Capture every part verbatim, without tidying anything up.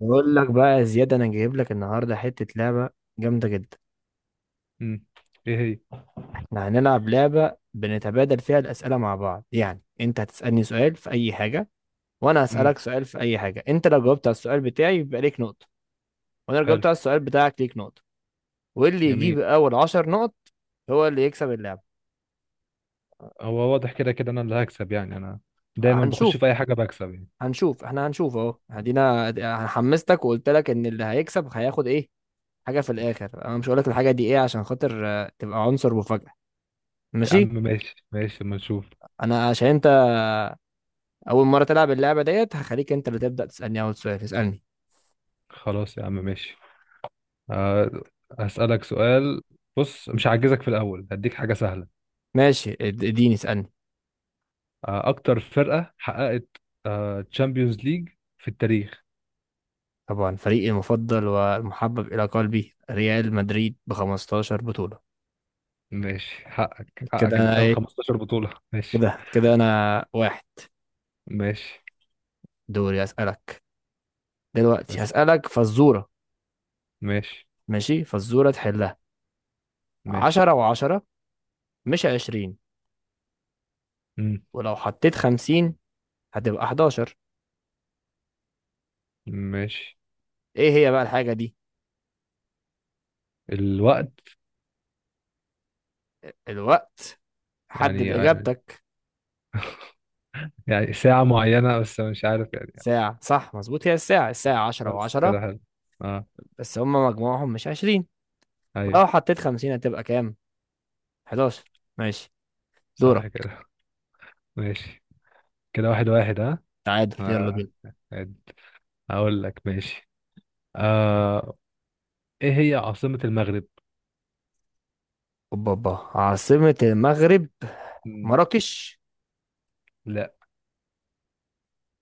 بقول لك بقى يا زياد، انا جايب لك النهارده حته لعبه جامده جدا. امم. ايه هي؟ احنا هنلعب لعبه بنتبادل فيها الاسئله مع بعض، يعني انت هتسالني سؤال في اي حاجه وانا امم. هسالك سؤال في اي حاجه. انت لو جاوبت على السؤال بتاعي يبقى ليك نقطه، وانا لو حلو. جاوبت على السؤال بتاعك ليك نقطه. واللي يجيب جميل. اول عشر نقط هو اللي يكسب اللعبه. هو واضح كده كده انا اللي هكسب، يعني انا دايما بخش هنشوف في اي حاجه بكسب يعني. هنشوف احنا هنشوف اهو هدينا. أنا حمستك وقلت لك ان اللي هيكسب هياخد ايه، حاجه في الاخر. انا مش هقول لك الحاجه دي ايه عشان خاطر آه، تبقى عنصر مفاجاه. يا عم ماشي، ماشي ماشي اما نشوف. انا عشان انت اول مره تلعب اللعبه ديت هخليك انت اللي تبدا تسالني اول سؤال. اسالني. خلاص يا عم ماشي. أه هسألك سؤال. بص مش هعجزك في الاول، هديك حاجه سهله. ماشي، اد- اديني اسالني. أه اكتر فرقه حققت أه تشامبيونز ليج في التاريخ. طبعا فريقي المفضل والمحبب الى قلبي ريال مدريد ب خمستاشر بطوله. ماشي حقك كده حقك انت انا داخل ايه خمستاشر بطوله. ماشي كده كده انا واحد. ماشي دوري. اسالك دلوقتي، بس هسالك فزوره. ماشي ماشي، فزوره تحلها. ماشي. عشرة و10 مش عشرين، امم. ولو حطيت خمسين هتبقى حداشر. ماشي. ايه هي بقى الحاجه دي؟ الوقت. الوقت. حدد يعني اجابتك. يعني ساعة معينة بس مش عارف يعني. ساعه، صح، مظبوط. هي الساعه الساعه عشرة بس و10، كده حلو. اه. بس هم مجموعهم مش عشرين. ايوه. لو حطيت خمسين هتبقى كام؟ حداشر. ماشي. دورك. صح كده. ماشي. كده واحد واحد، ها. تعادل، يلا آه. بينا. عادي. هقول لك ماشي. آه. ايه هي عاصمة المغرب؟ اوبا اوبا، عاصمة المغرب مم. مراكش. لا.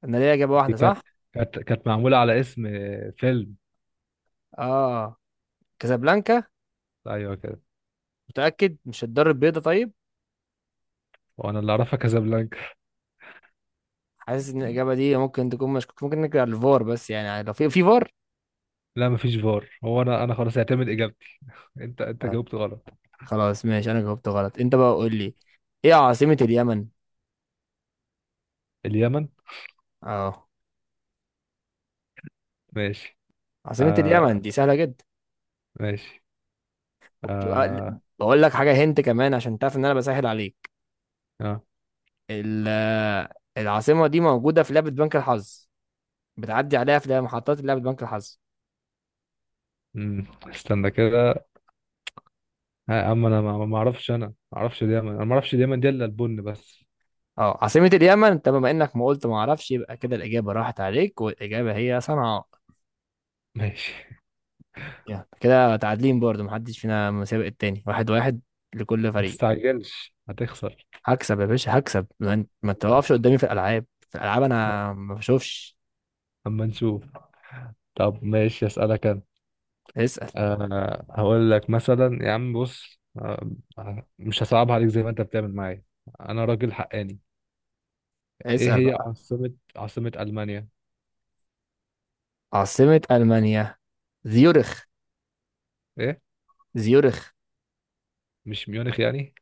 انا ليا اجابة دي واحدة كانت. صح. كانت كانت معمولة على اسم فيلم. اه، كازابلانكا. ايوه كده. متأكد مش الدار البيضاء؟ طيب. وانا اللي اعرفها كازابلانكا. حاسس ان الاجابة دي ممكن تكون مشكوك، ممكن نرجع للفار بس يعني يعني لو في في فار. لا مفيش فار، هو انا انا خلاص اعتمد اجابتي. انت انت طيب، جاوبت غلط. خلاص ماشي، انا جاوبت غلط. انت بقى قول لي، ايه عاصمة اليمن؟ اليمن. اه، ماشي. عاصمة آه. اليمن دي سهلة جدا، ماشي. وبتبقى. آه. بقول لك حاجة هنت كمان عشان تعرف ان انا بسهل عليك. آه. ال- العاصمة دي موجودة في لعبة بنك الحظ، بتعدي عليها في لعبة- محطات لعبة بنك الحظ. مم. استنى كده. ها، اما انا ما ما اعرفش، انا ما اعرفش دايما، انا ما اعرفش دايما دي الا البن بس. اه، عاصمة اليمن، انت بما انك ما قلت ما اعرفش يبقى كده الإجابة راحت عليك، والإجابة هي صنعاء. ماشي. يعني كده تعادلين برضو، محدش فينا مسابق التاني. واحد واحد لكل ما فريق. تستعجلش هتخسر. هكسب يا باشا هكسب، ما انت ما توقفش قدامي. في الألعاب في الألعاب انا ما بشوفش. اما نشوف. طب ماشي اسالك انا. اسأل. أه هقول لك مثلا يا عم، بص آه، مش هصعبها عليك زي ما انت بتعمل معايا. انا راجل حقاني. ايه اسأل هي بقى. عاصمة عاصمة المانيا؟ عاصمة ألمانيا زيورخ. ايه؟ زيورخ. مش ميونخ يعني؟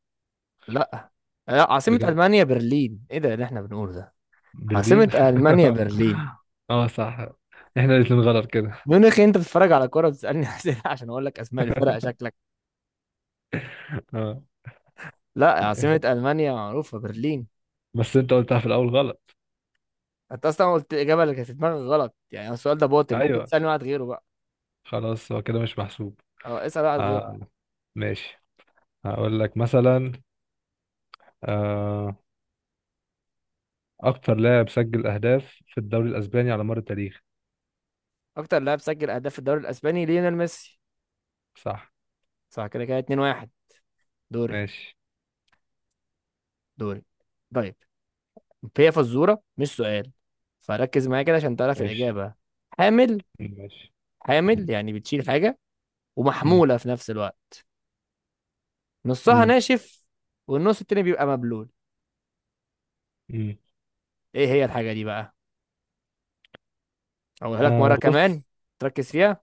لا. لا، عاصمة بجد. ألمانيا برلين، ايه ده اللي احنا بنقوله ده؟ برلين. عاصمة ألمانيا برلين. اه صح. احنا الاتنين غلط كده. ميونخ؟ أنت بتتفرج على كورة بتسألني أسئلة عشان أقول لك أسماء الفرق، شكلك. اه. لا، عاصمة ألمانيا معروفة برلين. بس انت قلتها في الاول غلط. أنت أصلا قلت الإجابة اللي كانت في دماغك غلط، يعني السؤال ده باطل. ممكن ايوه تسألني واحد غيره بقى. خلاص هو كده مش محسوب. أه، اسأل واحد غيره. آه. ماشي. هقول لك مثلا. آه. أكتر لاعب سجل أهداف في الدوري الأسباني على مر التاريخ. أكتر لاعب سجل أهداف في الدوري الأسباني ليونيل ميسي. صح. صح. كده كده اتنين واحد. دوري ماشي. دوري. طيب، هي فزورة مش سؤال، فركز معايا كده عشان تعرف ماشي. الإجابة. حامل. ماشي. حامل يعني بتشيل حاجة مم. ومحمولة في نفس الوقت. نصها مم. ناشف والنص التاني بيبقى مبلول. مم. ايه هي الحاجة دي بقى؟ اقولها لك مرة آه كمان، بص. تركز فيها.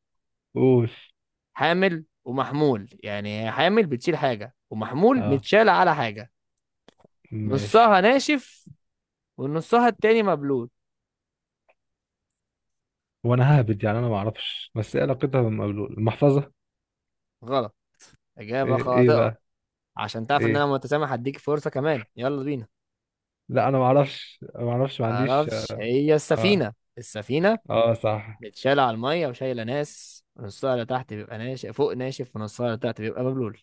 قول. حامل ومحمول، يعني هي حامل بتشيل حاجة ومحمول آه. متشال على حاجة. ماشي. نصها ناشف ونصها التاني مبلول. وأنا ههبد، يعني أنا ما أعرفش، بس إيه علاقتها بالمقلوب المحفظة. غلط، إجابة إيه؟ إيه خاطئة. بقى؟ عشان تعرف إن أنا إيه؟ متسامح هديك فرصة كمان. يلا بينا. لا أنا ما أعرفش، ما أعرفش، ما عنديش. معرفش. هي آه. السفينة. السفينة آه صح. متشالة على المية وشايلة ناس، نصها اللي تحت بيبقى ناشف. فوق ناشف ونصها اللي تحت بيبقى مبلول.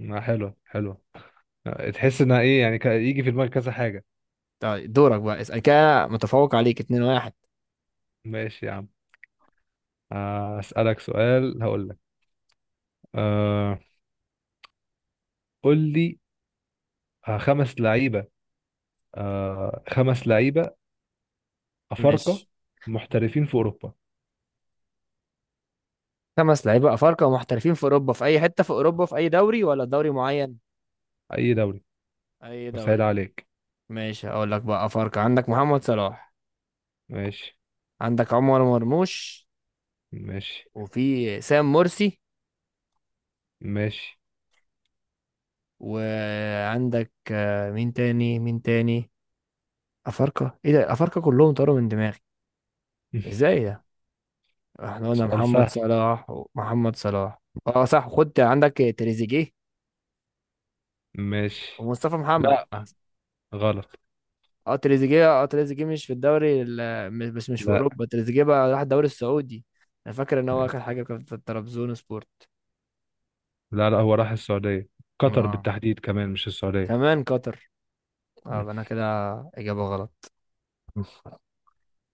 ما حلو حلو. آه، تحس إنها إيه، يعني ك- يجي في دماغك كذا حاجة. طيب دورك بقى، اسأل. كده متفوق عليك اتنين واحد. ماشي يا عم. آه، أسألك سؤال هقول لك. آه، قول لي. آه، خمس لعيبة. آه، خمس لعيبة أفارقة ماشي. محترفين في أوروبا. خمس لعيبة أفارقة ومحترفين في أوروبا، في أي حتة في أوروبا؟ في أي دوري ولا دوري معين؟ أي دوري. أي وسهل دوري. عليك. ماشي. أقول لك بقى، أفارقة، عندك محمد صلاح. ماشي. عندك عمر مرموش. ماشي. وفي سام مرسي. ماشي. وعندك آه، مين تاني مين تاني أفارقة، إيه ده، أفارقة كلهم طاروا من دماغي. إزاي ده؟ إحنا قلنا سؤال محمد سهل. صلاح ومحمد صلاح. أه صح، خد عندك تريزيجيه ماشي. ومصطفى محمد. لا غلط. اه تريزيجيه، اه تريزيجيه مش في الدوري ال- م- بس مش في لا اوروبا، تريزيجيه بقى راح الدوري السعودي. انا فاكر ان هو اخد حاجه كانت في ترابزون سبورت. لا لا، هو راح السعودية، قطر اه بالتحديد كمان، مش السعودية. كمان قطر. اه يبقى انا كده اجابه غلط.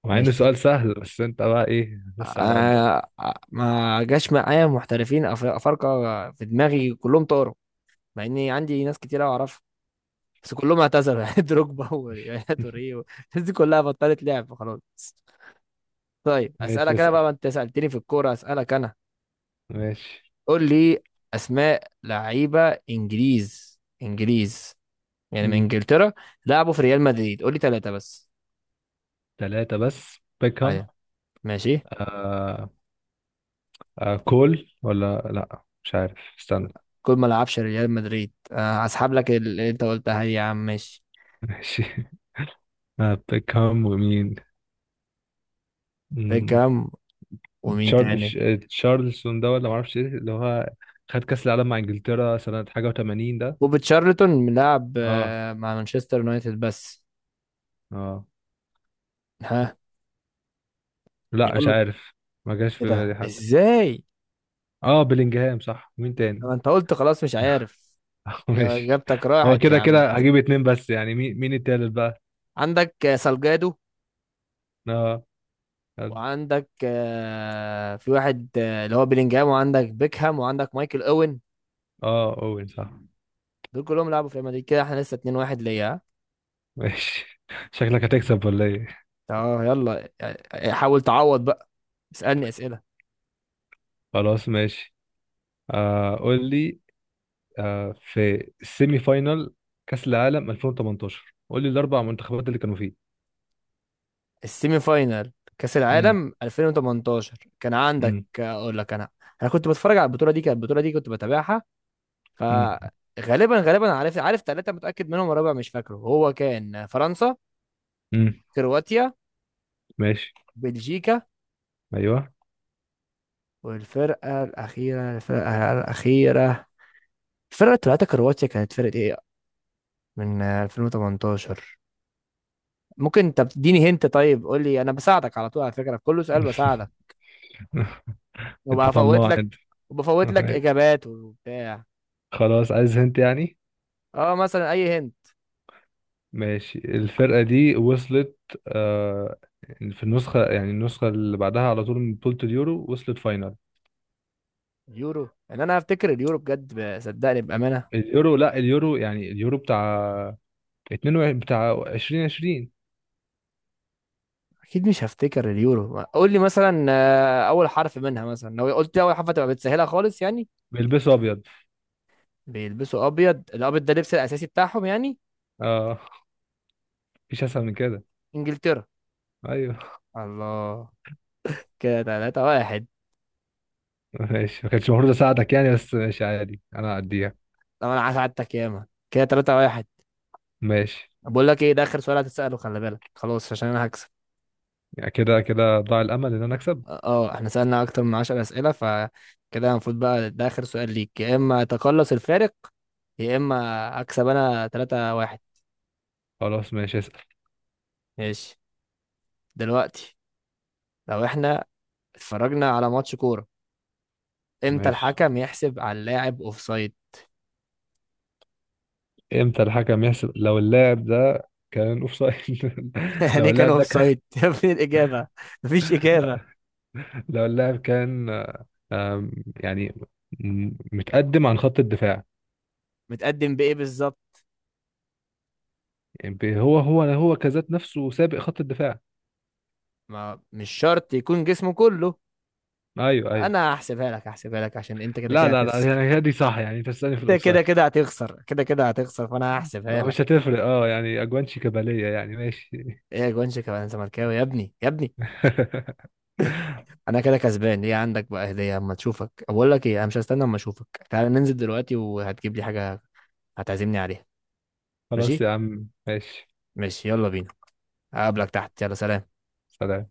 مع إنه مش سؤال سهل بس أنت بقى إيه لسه على قدك. آه آه، ما جاش معايا محترفين أف- افارقه في دماغي، كلهم طاروا. مع اني عندي ناس كتير أوي اعرفها بس كلهم اعتذروا يعني دروجبا ويا توريه و-. الناس دي كلها بطلت لعب خلاص. طيب ماشي اسالك انا اسأل. بقى، ما انت سالتني في الكوره اسالك انا. ماشي. قول لي، اسماء لعيبه انجليز انجليز يعني من مم. انجلترا لعبوا في ريال مدريد. قول لي ثلاثه بس. تلاتة بس بيكهام. ايوه، ماشي. آه، آه كول ولا لا مش عارف، استنى. كل ما لعبش ريال مدريد آه، هسحب لك اللي انت قلتها دي يا عم. ماشي. ماشي. آه بيكهام، ومين؟ مم، بيكهام ومين تشارلز تاني؟ آه، تشارلسون ده، ولا معرفش ايه اللي هو، خد كأس العالم مع انجلترا سنة حاجة و80 ده. وبتشارلتون لاعب اه. آه، مع مانشستر يونايتد بس. اه. ها. لا مش يلا. عارف. ما جاش ايه في بالي ده، حد. ازاي؟ اه بلينجهام صح. مين طب تاني؟ انت قلت خلاص مش عارف. ماشي. اجابتك هو راحت يا كده عم. كده هجيب اتنين بس، يعني مين مين التالت بقى. عندك آه، سالجادو، اه. يلا. وعندك آه، في واحد آه، اللي هو بيلينجهام، وعندك بيكهام وعندك مايكل اوين. اه اوين صح. دول كلهم لعبوا في ريال مدريد. كده احنا لسه اتنين واحد ليا. ها؟ ماشي. شكلك هتكسب ولا ايه؟ اه يلا، آه، آه، حاول تعوض بقى. اسألني أسئلة. خلاص ماشي. آه قول لي. آه، في السيمي فاينال كأس العالم ألفين وتمنتاشر، قول لي الأربع منتخبات اللي كانوا فيه. السيمي فاينال كأس امم. العالم ألفين وتمنتاشر، كان عندك امم. آه، اقول لك انا. انا كنت بتفرج على البطولة دي. كانت البطولة دي كنت بتابعها. امم. فغالبا غالبا عارف. عارف ثلاثة متأكد منهم والرابع مش فاكره. هو كان فرنسا، امم. كرواتيا، ماشي. بلجيكا، أيوه. والفرقة الأخيرة. الفرقة الأخيرة الفرقة اللي طلعت كرواتيا كانت فرقة ايه من آه، ألفين وثمانية عشر؟ ممكن انت بتديني هنت. طيب قول لي، انا بساعدك على طول، على فكرة، في كل سؤال بساعدك أنت وبفوت طماع لك أنت. وبفوت لك اجابات وبتاع. خلاص عايز هنت يعني. اه مثلا اي هنت. ماشي الفرقة دي وصلت آه، في النسخة، يعني النسخة اللي بعدها على طول، من بطولة اليورو، وصلت فاينال. اليورو، ان انا هفتكر اليورو بجد، ب- صدقني بأمانة. اليورو لا، اليورو يعني اليورو بتاع اتنين وعشرين بتاع ألفين وعشرين. اكيد مش هفتكر اليورو. قول لي مثلا آه، اول حرف منها، مثلا لو قلت لي اول حرف هتبقى بتسهلها خالص يعني. بيلبسوا أبيض. بيلبسوا ابيض. الابيض ده اللبس الاساسي بتاعهم يعني. اه مفيش أسهل من كده. انجلترا. أيوه. الله. كده تلاتة واحد. ماشي ما كانش المفروض اساعدك يعني، بس ماشي عادي انا هعديها. لو انا هساعدك ياما، كده ثلاثة واحد. ماشي. بقول لك ايه، ده اخر سؤال هتساله، خلي بالك خلاص عشان انا هكسب. يعني كده كده ضاع الامل ان انا اكسب. اه، آه، احنا سالنا اكتر من عشر اسئله، فكده المفروض بقى ده اخر سؤال ليك، يا اما تقلص الفارق يا اما اكسب انا ثلاثة واحد. خلاص ماشي اسال. ماشي. دلوقتي، لو احنا اتفرجنا على ماتش كوره، امتى ماشي. الحكم يحسب على اللاعب اوفسايد؟ امتى الحكم يحسب لو اللاعب ده كان اوف سايد؟ يعني لو إيه كان اللاعب ده كان. اوفسايد يا ابني؟ الاجابه مفيش اجابه. لو اللاعب كان آم، يعني م- متقدم عن خط الدفاع. متقدم بايه بالظبط؟ يعني بي- هو هو هو كذات نفسه سابق خط الدفاع. ما مش شرط يكون جسمه كله. ايوه ايوه. انا هحسبها لك، هحسبها لك عشان انت كده لا كده لا لا، هتخسر. يعني هي دي صح، يعني انت بتسالني في انت الاوفسايد. كده كده هتخسر، كده كده هتخسر فانا هحسبها آه، لك. مش هتفرق، اه يعني اجوان شيكاباليه يعني ماشي. ايه يا جونشك، انا زملكاوي يا ابني يا ابني. انا كده كسبان. ليه؟ عندك بقى هديه اما تشوفك. بقول لك ايه، انا مش هستنى اما اشوفك، تعال ننزل دلوقتي وهتجيب لي حاجه هتعزمني عليها. خلاص ماشي. يا عم ماشي. ماشي، يلا بينا. اقابلك تحت. يلا سلام. سلام.